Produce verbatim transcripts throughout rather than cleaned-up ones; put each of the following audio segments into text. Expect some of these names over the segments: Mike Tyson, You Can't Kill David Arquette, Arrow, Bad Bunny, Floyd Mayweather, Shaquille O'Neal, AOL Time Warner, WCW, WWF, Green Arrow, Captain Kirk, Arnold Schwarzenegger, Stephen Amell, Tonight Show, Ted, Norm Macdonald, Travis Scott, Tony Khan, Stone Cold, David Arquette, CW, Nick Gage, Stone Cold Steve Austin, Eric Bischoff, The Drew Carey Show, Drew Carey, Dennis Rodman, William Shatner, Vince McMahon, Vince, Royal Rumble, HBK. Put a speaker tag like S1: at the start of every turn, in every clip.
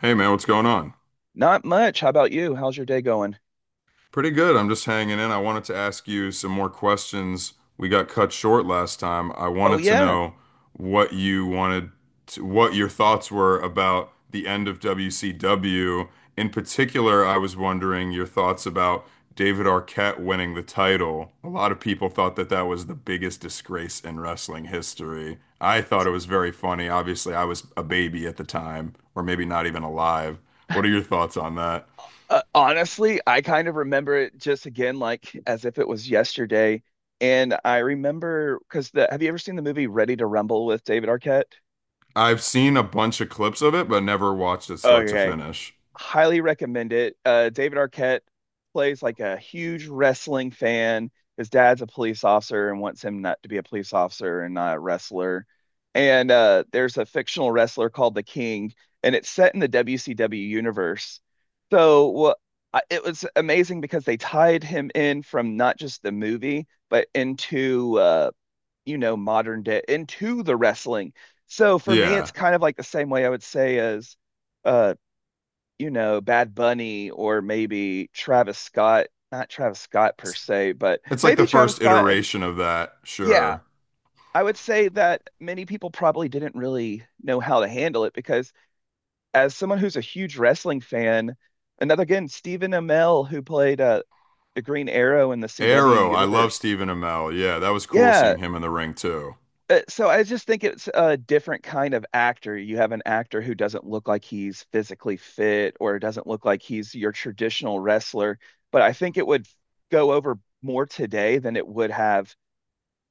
S1: Hey man, what's going on?
S2: Not much. How about you? How's your day going?
S1: Pretty good. I'm just hanging in. I wanted to ask you some more questions. We got cut short last time. I
S2: Oh
S1: wanted to
S2: yeah.
S1: know what you wanted to, what your thoughts were about the end of W C W. In particular, I was wondering your thoughts about David Arquette winning the title. A lot of people thought that that was the biggest disgrace in wrestling history. I thought it was very funny. Obviously, I was a baby at the time, or maybe not even alive. What are your thoughts on that?
S2: Uh, honestly, I kind of remember it just again like as if it was yesterday. And I remember because the have you ever seen the movie Ready to Rumble with David Arquette?
S1: I've seen a bunch of clips of it, but never watched it start to
S2: Okay,
S1: finish.
S2: highly recommend it. Uh, David Arquette plays like a huge wrestling fan. His dad's a police officer and wants him not to be a police officer and not a wrestler. And uh, there's a fictional wrestler called the King, and it's set in the W C W universe. So what I- it was amazing because they tied him in from not just the movie, but into uh, you know modern day into the wrestling. So for me, it's
S1: Yeah.
S2: kind of like the same way I would say as uh, you know, Bad Bunny or maybe Travis Scott, not Travis Scott per
S1: It's,
S2: se, but
S1: it's like the
S2: maybe Travis
S1: first
S2: Scott. And
S1: iteration of that,
S2: yeah,
S1: sure.
S2: I would say that many people probably didn't really know how to handle it because, as someone who's a huge wrestling fan, another again, Stephen Amell, who played uh, the Green Arrow in the C W
S1: Arrow, I love
S2: universe.
S1: Stephen Amell. Yeah, that was cool
S2: Yeah.
S1: seeing him in the ring too.
S2: Uh, So I just think it's a different kind of actor. You have an actor who doesn't look like he's physically fit or doesn't look like he's your traditional wrestler, but I think it would go over more today than it would have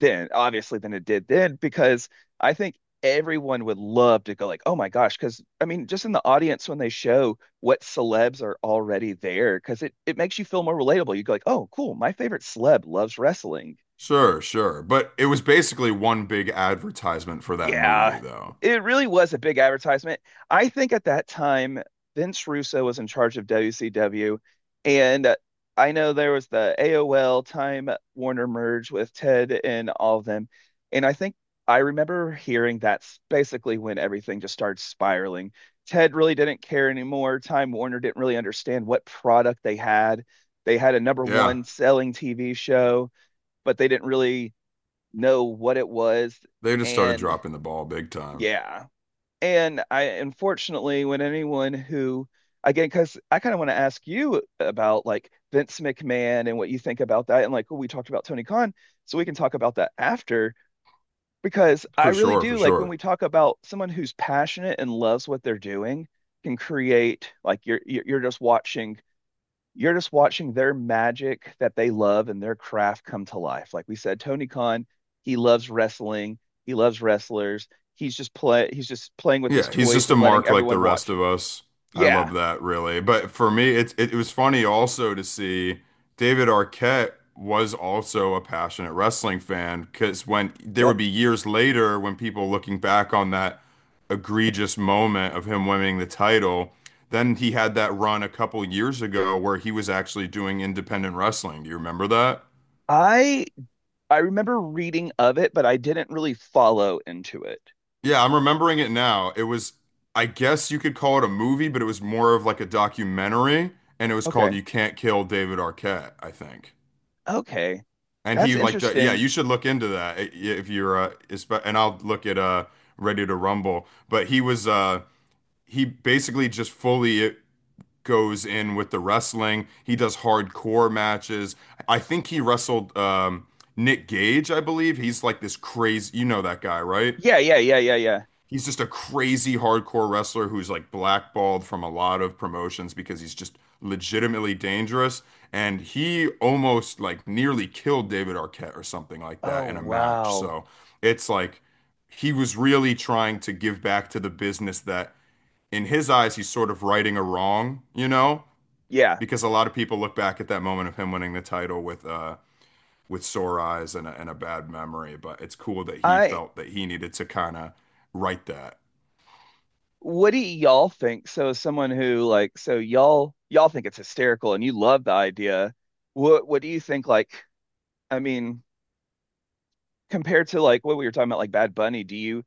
S2: then, obviously than it did then, because I think everyone would love to go like, oh my gosh, because I mean, just in the audience when they show what celebs are already there, because it, it makes you feel more relatable. You go like, oh, cool, my favorite celeb loves wrestling.
S1: Sure, sure. But it was basically one big advertisement for that movie,
S2: Yeah,
S1: though.
S2: it really was a big advertisement. I think at that time, Vince Russo was in charge of W C W, and uh, I know there was the A O L Time Warner merge with Ted and all of them, and I think I remember hearing that's basically when everything just started spiraling. Ted really didn't care anymore. Time Warner didn't really understand what product they had. They had a number
S1: Yeah,
S2: one selling T V show, but they didn't really know what it was.
S1: they just started
S2: And
S1: dropping the ball big time.
S2: yeah. And I unfortunately, when anyone who, again, because I kind of want to ask you about like Vince McMahon and what you think about that. And like, oh, we talked about Tony Khan, so we can talk about that after, because I
S1: For
S2: really
S1: sure, for
S2: do like when
S1: sure.
S2: we talk about someone who's passionate and loves what they're doing, can create like you're you're you're just watching you're just watching their magic that they love and their craft come to life. Like we said, Tony Khan, he loves wrestling, he loves wrestlers. He's just play he's just playing with his
S1: Yeah, he's
S2: toys
S1: just a
S2: and letting
S1: mark like the
S2: everyone
S1: rest of
S2: watching.
S1: us. I
S2: Yeah.
S1: love that really. But for me, it, it it was funny also to see David Arquette was also a passionate wrestling fan, because when there
S2: Yep.
S1: would be years later when people looking back on that egregious moment of him winning the title, then he had that run a couple years ago where he was actually doing independent wrestling. Do you remember that?
S2: I I remember reading of it, but I didn't really follow into it.
S1: Yeah, I'm remembering it now. It was, I guess you could call it a movie, but it was more of like a documentary, and it was called
S2: Okay.
S1: "You Can't Kill David Arquette," I think.
S2: Okay.
S1: And
S2: That's
S1: he like, d- yeah,
S2: interesting.
S1: you should look into that i- if you're, uh, espe- and I'll look at uh, Ready to Rumble. But he was, uh, he basically just fully it goes in with the wrestling. He does hardcore matches. I think he wrestled um, Nick Gage, I believe. He's like this crazy, you know that guy, right?
S2: Yeah, yeah, yeah, yeah, yeah.
S1: He's just a crazy hardcore wrestler who's like blackballed from a lot of promotions because he's just legitimately dangerous. And he almost like nearly killed David Arquette or something like
S2: Oh,
S1: that in a match.
S2: wow.
S1: So it's like he was really trying to give back to the business that in his eyes, he's sort of righting a wrong, you know,
S2: Yeah.
S1: because a lot of people look back at that moment of him winning the title with, uh, with sore eyes and a, and a bad memory, but it's cool that he
S2: I
S1: felt that he needed to kind of right that.
S2: What do y'all think? So, as someone who like, so y'all y'all think it's hysterical and you love the idea. What what do you think? Like, I mean, compared to like what we were talking about, like Bad Bunny, do you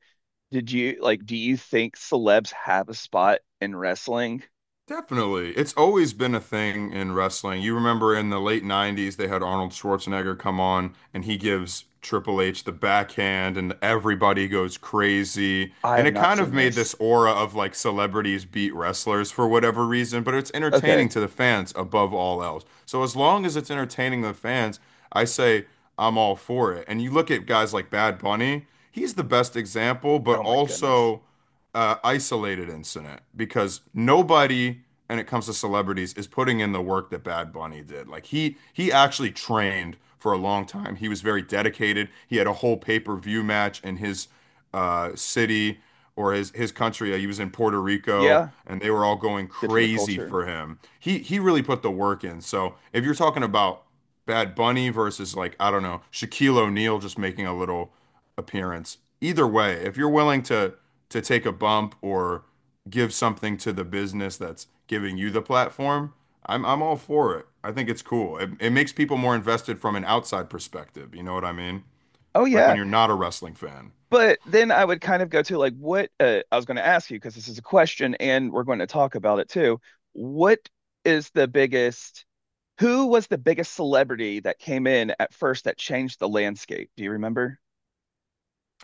S2: did you like do you think celebs have a spot in wrestling?
S1: Definitely. It's always been a thing in wrestling. You remember in the late nineties, they had Arnold Schwarzenegger come on and he gives Triple H the backhand and everybody goes crazy.
S2: I
S1: And
S2: have
S1: it
S2: not
S1: kind of
S2: seen
S1: made
S2: this.
S1: this aura of like celebrities beat wrestlers for whatever reason, but it's entertaining
S2: Okay.
S1: to the fans above all else. So as long as it's entertaining the fans, I say I'm all for it. And you look at guys like Bad Bunny, he's the best example, but
S2: Oh my goodness.
S1: also uh, isolated incident because nobody, when it comes to celebrities, is putting in the work that Bad Bunny did. Like he he actually trained for a long time. He was very dedicated. He had a whole pay-per-view match in his uh, city or his his country. Uh, He was in Puerto Rico,
S2: Yeah.
S1: and they were all going
S2: Good for the
S1: crazy
S2: culture.
S1: for him. He he really put the work in. So if you're talking about Bad Bunny versus like, I don't know, Shaquille O'Neal just making a little appearance. Either way, if you're willing to to take a bump or give something to the business that's giving you the platform, I'm I'm all for it. I think it's cool. It, it makes people more invested from an outside perspective. You know what I mean?
S2: Oh
S1: Like when
S2: yeah.
S1: you're not a wrestling fan.
S2: But then I would kind of go to like what uh, I was going to ask you because this is a question and we're going to talk about it too. What is the biggest, who was the biggest celebrity that came in at first that changed the landscape? Do you remember?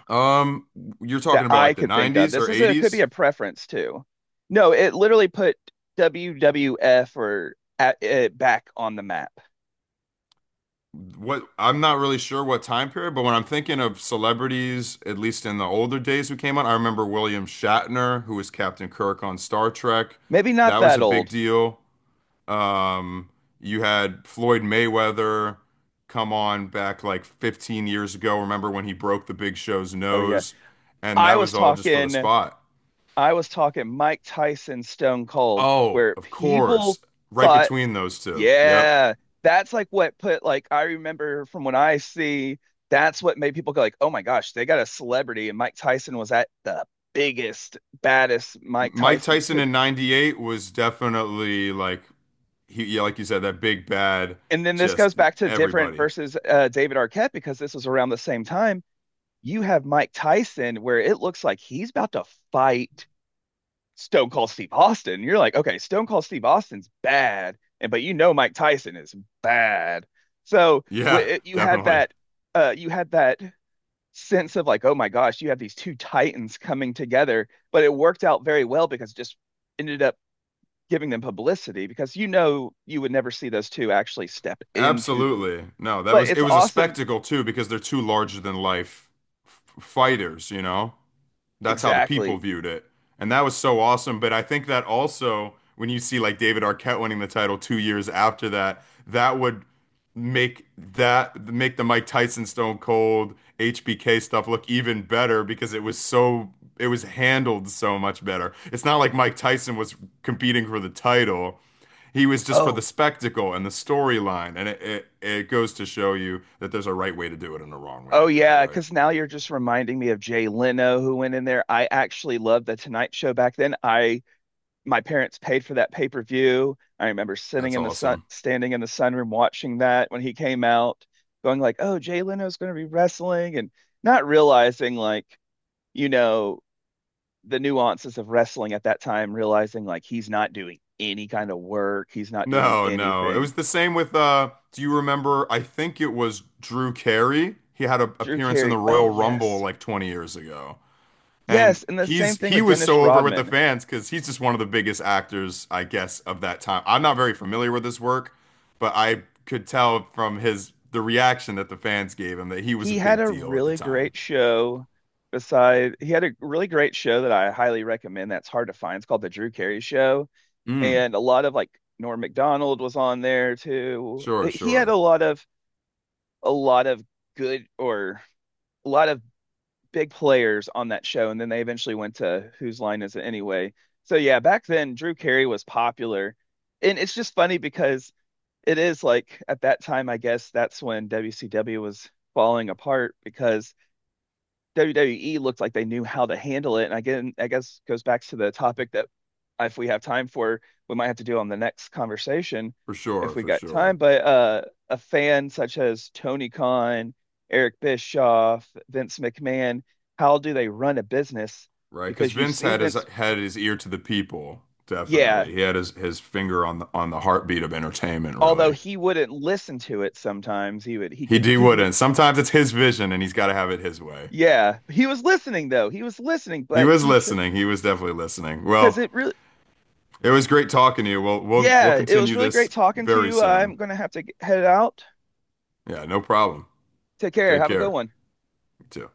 S1: Um, you're
S2: That
S1: talking about
S2: I
S1: like the
S2: could think of.
S1: nineties
S2: This
S1: or
S2: is a, it could be
S1: eighties?
S2: a preference too. No, it literally put W W F or at, uh, back on the map.
S1: what I'm not really sure what time period, but when I'm thinking of celebrities, at least in the older days who came on, I remember William Shatner, who was Captain Kirk on Star Trek.
S2: Maybe not
S1: That was
S2: that
S1: a big
S2: old.
S1: deal. Um, you had Floyd Mayweather come on back like fifteen years ago. Remember when he broke the Big Show's
S2: Oh yeah.
S1: nose? And that
S2: I was
S1: was all just for the
S2: talking
S1: spot.
S2: I was talking Mike Tyson, Stone Cold,
S1: Oh,
S2: where
S1: of
S2: people
S1: course. Right
S2: thought,
S1: between those two. Yep.
S2: yeah, that's like what put like I remember from when I see that's what made people go like, oh my gosh, they got a celebrity, and Mike Tyson was at the biggest, baddest Mike
S1: Mike
S2: Tyson
S1: Tyson
S2: could.
S1: in ninety-eight was definitely like he, yeah, like you said, that big bad,
S2: And then this goes
S1: just
S2: back to different
S1: everybody.
S2: versus uh, David Arquette because this was around the same time. You have Mike Tyson where it looks like he's about to fight Stone Cold Steve Austin. You're like, okay, Stone Cold Steve Austin's bad, and but you know Mike Tyson is bad. So
S1: Yeah,
S2: w you had
S1: definitely.
S2: that, uh, you had that sense of like, oh my gosh, you have these two titans coming together, but it worked out very well because it just ended up giving them publicity because you know you would never see those two actually step into the.
S1: Absolutely. No, that
S2: But
S1: was it
S2: it's
S1: was a
S2: awesome,
S1: spectacle too because they're two larger than life f- fighters, you know? That's how the people
S2: exactly.
S1: viewed it. And that was so awesome. But I think that also, when you see like David Arquette winning the title two years after that, that would make that make the Mike Tyson Stone Cold H B K stuff look even better because it was so it was handled so much better. It's not like Mike Tyson was competing for the title. He was just for the
S2: Oh
S1: spectacle and the storyline. And it, it, it goes to show you that there's a right way to do it and a wrong way to
S2: Oh
S1: do it,
S2: yeah,
S1: right?
S2: because now you're just reminding me of Jay Leno who went in there. I actually loved the Tonight Show back then. I my parents paid for that pay-per-view. I remember sitting
S1: That's
S2: in the sun,
S1: awesome.
S2: standing in the sunroom watching that when he came out, going like, "Oh, Jay Leno's going to be wrestling," and not realizing like, you know, the nuances of wrestling at that time, realizing like he's not doing any kind of work, he's not doing
S1: No, no. It
S2: anything.
S1: was the same with uh do you remember I think it was Drew Carey. He had an
S2: Drew
S1: appearance in the
S2: Carey. Oh
S1: Royal Rumble
S2: yes.
S1: like twenty years ago. And
S2: Yes, and the same
S1: he's
S2: thing
S1: he
S2: with
S1: was
S2: Dennis
S1: so over with the
S2: Rodman.
S1: fans because he's just one of the biggest actors, I guess, of that time. I'm not very familiar with his work, but I could tell from his the reaction that the fans gave him that he was a
S2: He had
S1: big
S2: a
S1: deal at the
S2: really
S1: time.
S2: great show beside he had a really great show that I highly recommend that's hard to find. It's called The Drew Carey Show.
S1: Mm,
S2: And a lot of like Norm Macdonald was on there too.
S1: sure,
S2: Like, he had a
S1: sure.
S2: lot of a lot of good or a lot of big players on that show. And then they eventually went to Whose Line Is It Anyway? So yeah, back then Drew Carey was popular. And it's just funny because it is like at that time, I guess that's when W C W was falling apart because W W E looked like they knew how to handle it. And again, I guess goes back to the topic that if we have time for, we might have to do on the next conversation
S1: For
S2: if
S1: sure,
S2: we
S1: for
S2: got time.
S1: sure.
S2: But uh, a fan such as Tony Khan, Eric Bischoff, Vince McMahon, how do they run a business?
S1: Right, because
S2: Because you
S1: Vince
S2: see
S1: had his
S2: Vince,
S1: had his ear to the people,
S2: yeah,
S1: definitely. He had his, his finger on the on the heartbeat of entertainment,
S2: although
S1: really.
S2: he wouldn't listen to it sometimes, he would, he
S1: He
S2: could,
S1: D
S2: he knew,
S1: wouldn't. Sometimes it's his vision and he's gotta have it his way.
S2: yeah, he was listening though. He was listening,
S1: He
S2: but
S1: was
S2: he,
S1: listening. He was definitely listening.
S2: because
S1: Well,
S2: it really,
S1: it was great talking to you. We'll we'll we'll
S2: yeah, it was
S1: continue
S2: really great
S1: this
S2: talking to
S1: very
S2: you.
S1: soon.
S2: I'm gonna have to g- head out.
S1: Yeah, no problem.
S2: Take care.
S1: Take
S2: Have a good
S1: care.
S2: one.
S1: You too.